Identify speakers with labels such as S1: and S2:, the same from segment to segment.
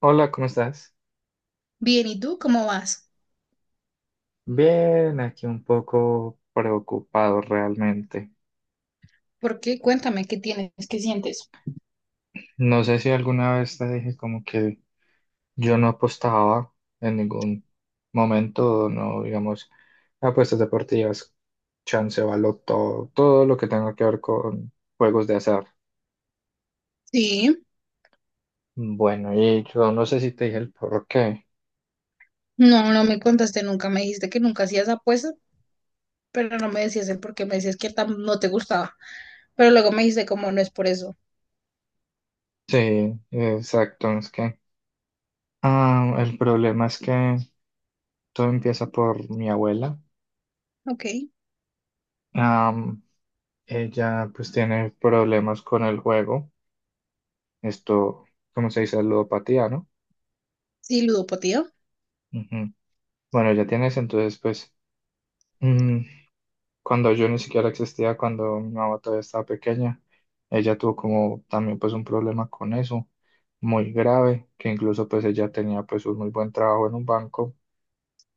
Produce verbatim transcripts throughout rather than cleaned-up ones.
S1: Hola, ¿cómo estás?
S2: Bien, ¿y tú cómo vas?
S1: Bien, aquí un poco preocupado realmente.
S2: ¿Por qué? Cuéntame, ¿qué tienes? ¿Qué sientes?
S1: No sé si alguna vez te dije como que yo no apostaba en ningún momento, no, digamos, apuestas deportivas, chance, baloto, todo lo que tenga que ver con juegos de azar.
S2: Sí,
S1: Bueno, y yo no sé si te dije el por qué.
S2: no, no me contaste nunca. Me dijiste que nunca hacías apuestas, pero no me decías el por qué. Me decías que tam- no te gustaba. Pero luego me dijiste como no es por eso.
S1: Sí, exacto, es que ah, el problema es que todo empieza por mi abuela.
S2: Ok,
S1: Ella pues tiene problemas con el juego, esto, ¿como se dice? Ludopatía, ¿no?
S2: sí, ludopatía.
S1: Ujú. Bueno, ya tienes, entonces pues mm, cuando yo ni siquiera existía, cuando mi mamá todavía estaba pequeña, ella tuvo como también pues un problema con eso, muy grave, que incluso pues ella tenía pues un muy buen trabajo en un banco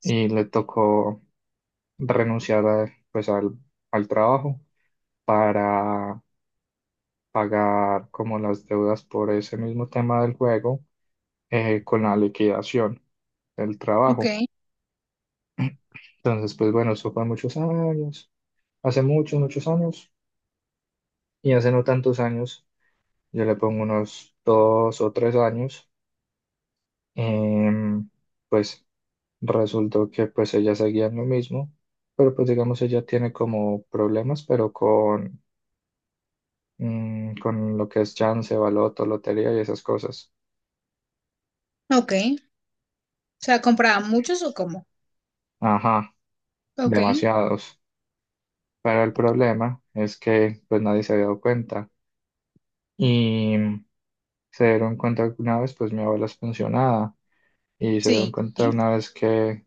S1: y le tocó renunciar a- pues al, al trabajo para pagar como las deudas por ese mismo tema del juego, eh, con la liquidación del
S2: Ok,
S1: trabajo. Entonces, pues bueno, eso fue muchos años, hace muchos, muchos años, y hace no tantos años, yo le pongo unos dos o tres años, em, pues resultó que pues ella seguía en lo mismo, pero pues digamos ella tiene como problemas, pero con, mm, con lo que es chance, baloto, lotería y esas cosas.
S2: ok. O sea, ¿compraban muchos o cómo?
S1: Ajá,
S2: Ok,
S1: demasiados. Pero el problema es que pues nadie se había dado cuenta. Y se dieron cuenta una vez, pues mi abuela es pensionada y se dieron
S2: sí,
S1: cuenta una vez que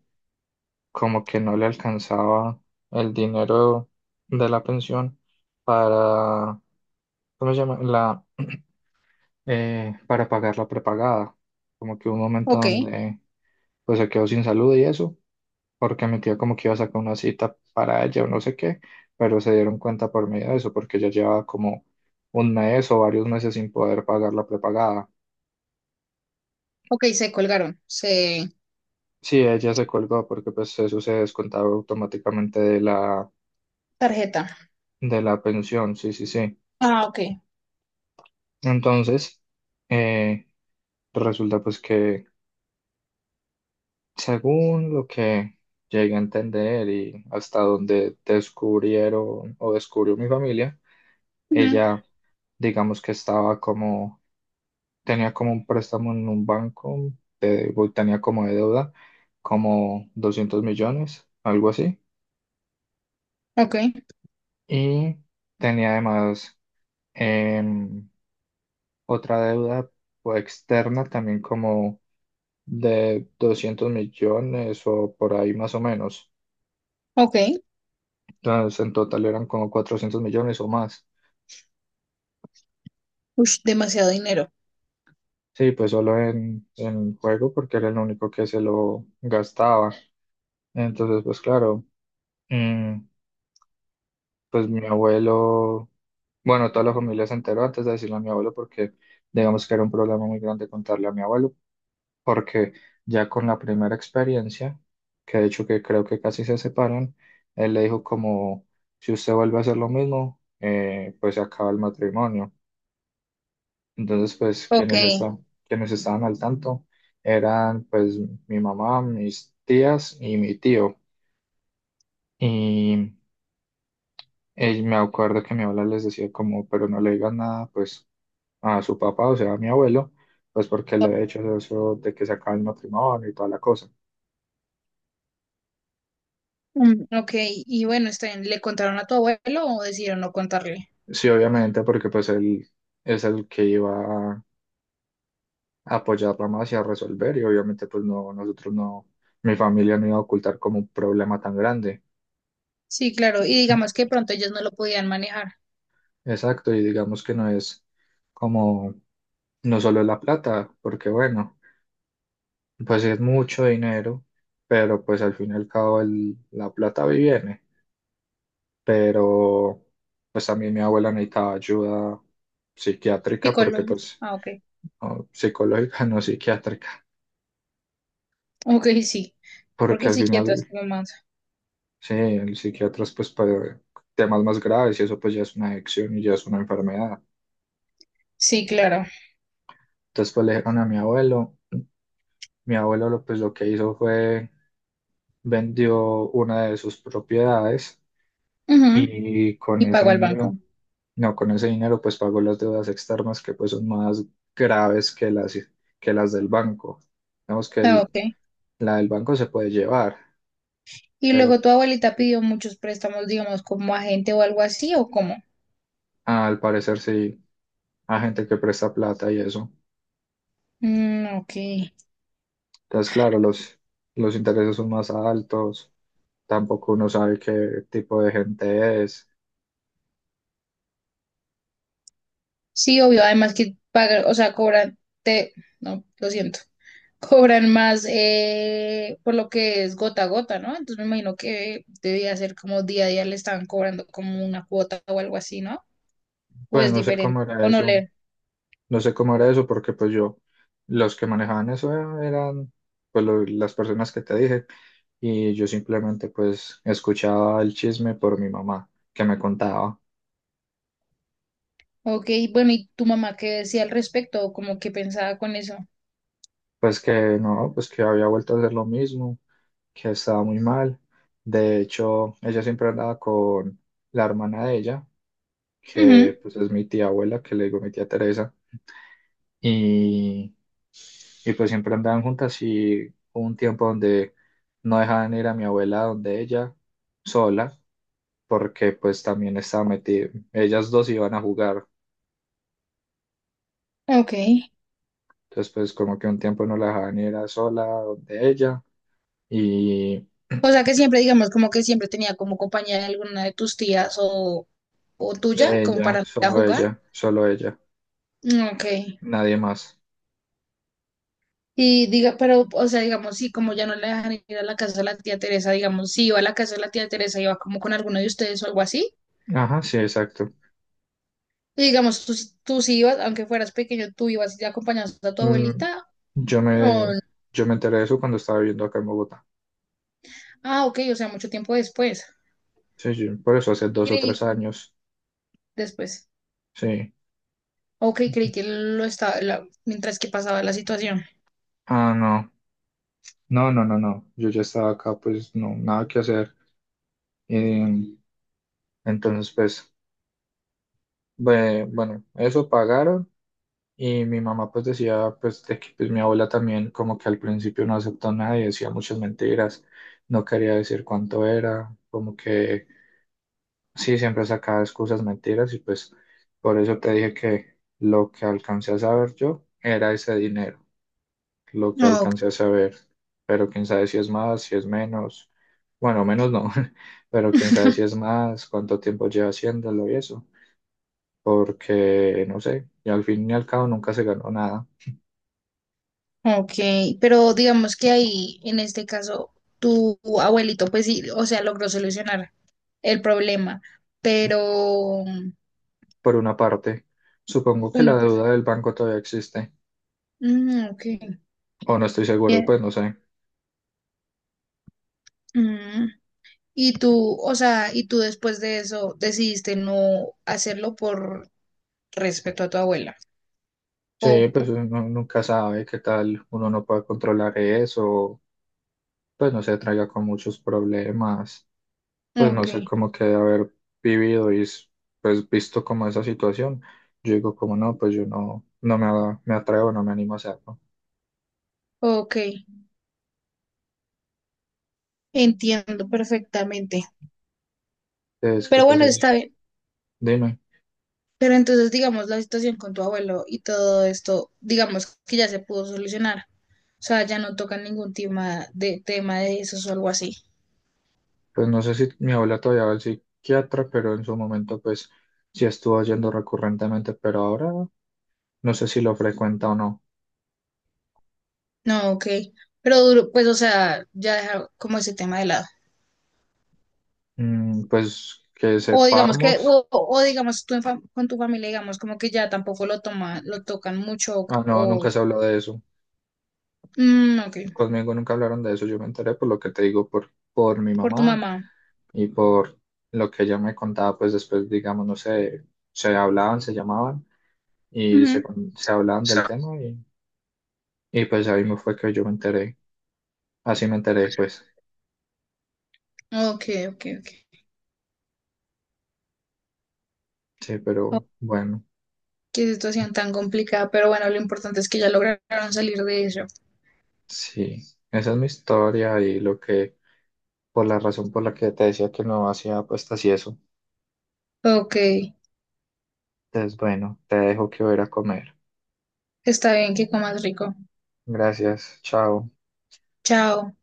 S1: como que no le alcanzaba el dinero de la pensión para, ¿cómo se llama? La, eh, para pagar la prepagada. Como que hubo un momento
S2: ok,
S1: donde pues se quedó sin salud y eso, porque mi tía como que iba a sacar una cita para ella o no sé qué, pero se dieron cuenta por medio de eso, porque ella llevaba como un mes o varios meses sin poder pagar la prepagada.
S2: ok, se colgaron. Se...
S1: Sí, ella se colgó porque pues eso se descontaba automáticamente de la,
S2: Tarjeta.
S1: de la pensión, sí, sí, sí.
S2: Ah, ok.
S1: Entonces, eh, resulta pues que según lo que llegué a entender y hasta donde descubrieron o descubrió mi familia,
S2: Ujú,
S1: ella digamos que estaba como, tenía como un préstamo en un banco, de, tenía como de deuda como doscientos millones, algo así,
S2: ok,
S1: y tenía además... em, otra deuda pues, externa también como de doscientos millones o por ahí más o menos.
S2: ok.
S1: Entonces, en total eran como cuatrocientos millones o más.
S2: Ush, demasiado dinero.
S1: Sí, pues solo en, en juego porque era el único que se lo gastaba. Entonces, pues claro, mm, pues mi abuelo, bueno, toda la familia se enteró antes de decirle a mi abuelo porque digamos que era un problema muy grande contarle a mi abuelo porque ya con la primera experiencia, que de hecho que creo que casi se separan, él le dijo como, si usted vuelve a hacer lo mismo, eh, pues se acaba el matrimonio. Entonces, pues
S2: Ok,
S1: quienes, esta- quienes estaban al tanto eran pues mi mamá, mis tías y mi tío. Y él, me acuerdo que mi abuela les decía como, pero no le digan nada pues a su papá, o sea, a mi abuelo, pues porque le había hecho eso de que se acaba el matrimonio y toda la cosa.
S2: mm, ok, y bueno, está bien, ¿le contaron a tu abuelo o decidieron no contarle?
S1: Sí, obviamente, porque pues él es el que iba a apoyarla más y a resolver, y obviamente pues no, nosotros no, mi familia no iba a ocultar como un problema tan grande.
S2: Sí, claro, y digamos que pronto ellos no lo podían manejar.
S1: Exacto, y digamos que no es como, no solo es la plata, porque bueno, pues sí es mucho dinero, pero pues al fin y al cabo el- la plata va y viene, pero pues también mi abuela necesitaba ayuda
S2: Sí,
S1: psiquiátrica, porque
S2: Colombia.
S1: pues,
S2: Ah, ok.
S1: no, psicológica, no psiquiátrica.
S2: Ok, sí, porque
S1: Porque
S2: el
S1: al
S2: psiquiatra es
S1: final,
S2: como más.
S1: sí, el psiquiatra es pues para temas más graves y eso pues ya es una adicción y ya es una enfermedad.
S2: Sí, claro.
S1: Entonces pues le dijeron a mi abuelo, mi abuelo lo, pues lo que hizo fue vendió una de sus propiedades
S2: Ujú,
S1: y con
S2: y
S1: ese
S2: pagó al
S1: dinero,
S2: banco.
S1: no, con ese dinero pues pagó las deudas externas que pues son más graves que las, que las, del banco. Digamos que
S2: Ah,
S1: el-
S2: ok.
S1: la del banco se puede llevar,
S2: Y
S1: pero
S2: luego tu abuelita pidió muchos préstamos, digamos, como agente o algo así, ¿o cómo?
S1: al parecer sí, a gente que presta plata y eso.
S2: Mm, ok.
S1: Entonces, claro, los, los intereses son más altos, tampoco uno sabe qué tipo de gente es.
S2: Sí, obvio, además que pagar, o sea, cobran, te, no, lo siento. Cobran más eh, por lo que es gota a gota, ¿no? Entonces me imagino que debía ser como día a día le estaban cobrando como una cuota o algo así, ¿no? O
S1: Pues
S2: es
S1: no sé
S2: diferente,
S1: cómo era
S2: o no
S1: eso,
S2: leer.
S1: no sé cómo era eso porque pues yo, los que manejaban eso eran pues lo- las personas que te dije y yo simplemente pues escuchaba el chisme por mi mamá que me contaba
S2: Ok, bueno, ¿y tu mamá qué decía al respecto o como que pensaba con eso?
S1: pues que no, pues que había vuelto a hacer lo mismo, que estaba muy mal. De hecho, ella siempre andaba con la hermana de ella
S2: Ujú,
S1: que pues es mi tía abuela, que le digo mi tía Teresa, y, y pues siempre andaban juntas y hubo un tiempo donde no dejaban ir a mi abuela donde ella sola, porque pues también estaba metida, ellas dos iban a jugar,
S2: ok.
S1: entonces pues como que un tiempo no la dejaban ir a sola donde ella y
S2: O sea que siempre, digamos, como que siempre tenía como compañía de alguna de tus tías o, o tuya,
S1: de
S2: como
S1: ella,
S2: para ir a
S1: solo
S2: jugar.
S1: ella, solo ella,
S2: Mm, ok.
S1: nadie más.
S2: Y diga, pero, o sea, digamos, sí, como ya no le dejan ir a la casa de la tía Teresa, digamos, si iba a la casa de la tía Teresa, iba como con alguno de ustedes o algo así.
S1: Ajá, sí, exacto.
S2: Y digamos, tú, sí- tú sí ibas, aunque fueras pequeño, tú ibas y acompañabas a tu
S1: Mm,
S2: abuelita.
S1: yo
S2: O...
S1: me, yo me enteré de eso cuando estaba viviendo acá en Bogotá.
S2: Ah, ok, o sea, mucho tiempo después.
S1: Sí, sí, por eso hace dos o
S2: Creí
S1: tres
S2: que-
S1: años.
S2: después.
S1: Sí.
S2: Ok, creí que lo estaba, la- mientras que pasaba la situación.
S1: Ah, no. No, no, no, no. Yo ya estaba acá, pues no, nada que hacer. Y, entonces, pues, bue- bueno, eso pagaron. Y mi mamá, pues, decía, pues, de que pues, mi abuela también, como que al principio no aceptó nada y decía muchas mentiras. No quería decir cuánto era. Como que, sí, siempre sacaba excusas, mentiras. Y pues, por eso te dije que lo que alcancé a saber yo era ese dinero. Lo que
S2: Ah, ok,
S1: alcancé a saber, pero quién sabe si es más, si es menos, bueno, menos no, pero quién sabe si es más, cuánto tiempo lleva haciéndolo y eso, porque no sé, y al fin y al cabo nunca se ganó nada,
S2: ok, pero digamos que ahí, en este caso, tu abuelito, pues sí, o sea, logró solucionar el problema, pero...
S1: por una parte. Supongo que la
S2: Una persona.
S1: deuda del banco todavía existe,
S2: Mm, ok.
S1: o no estoy seguro, pues
S2: Bien.
S1: no sé.
S2: Mm. Y tú, o sea, y tú después de eso decidiste no hacerlo por respeto a tu abuela.
S1: Sí,
S2: O,
S1: pues
S2: po-
S1: uno nunca sabe qué tal uno no puede controlar eso, pues no se traiga con muchos problemas pues no
S2: ok,
S1: sé, como que de haber vivido y s- pues visto como esa situación, yo digo como no, pues yo no, no me, a- me atrevo, no me animo a hacerlo.
S2: ok, entiendo perfectamente.
S1: Es que
S2: Pero
S1: pues
S2: bueno,
S1: es-
S2: está bien.
S1: dime,
S2: Pero entonces, digamos, la situación con tu abuelo y todo esto, digamos que ya se pudo solucionar. O sea, ya no tocan ningún tema de tema de esos o algo así.
S1: pues no sé si mi abuela todavía va al psiquiatra, pero en su momento pues sí estuvo yendo recurrentemente, pero ahora no sé si lo frecuenta o no.
S2: No, ok. Pero duro, pues, o sea, ya dejar como ese tema de lado.
S1: Mm, pues que
S2: O digamos que, o,
S1: sepamos,
S2: o digamos tú en fam- con tu familia, digamos como que ya tampoco lo toma, lo tocan mucho, o,
S1: ah no,
S2: o-
S1: nunca se habló de eso.
S2: Mm, ok,
S1: Conmigo nunca hablaron de eso, yo me enteré por lo que te digo, por, por mi
S2: por tu
S1: mamá
S2: mamá.
S1: y por lo que ella me contaba, pues después, digamos, no sé, se hablaban, se llamaban y se, con- se hablaban del tema y, y, pues ahí me fue que yo me enteré, así me enteré, pues
S2: Ujú. Ok, ok, ok.
S1: sí,
S2: Oh,
S1: pero bueno,
S2: qué situación tan complicada, pero bueno, lo importante es que ya lograron salir de eso.
S1: sí, esa es mi historia y lo que, por la razón por la que te decía que no hacía apuestas y eso.
S2: Ok,
S1: Entonces, bueno, te dejo que voy a ir a comer.
S2: está bien, que comas rico.
S1: Gracias, chao.
S2: Chao.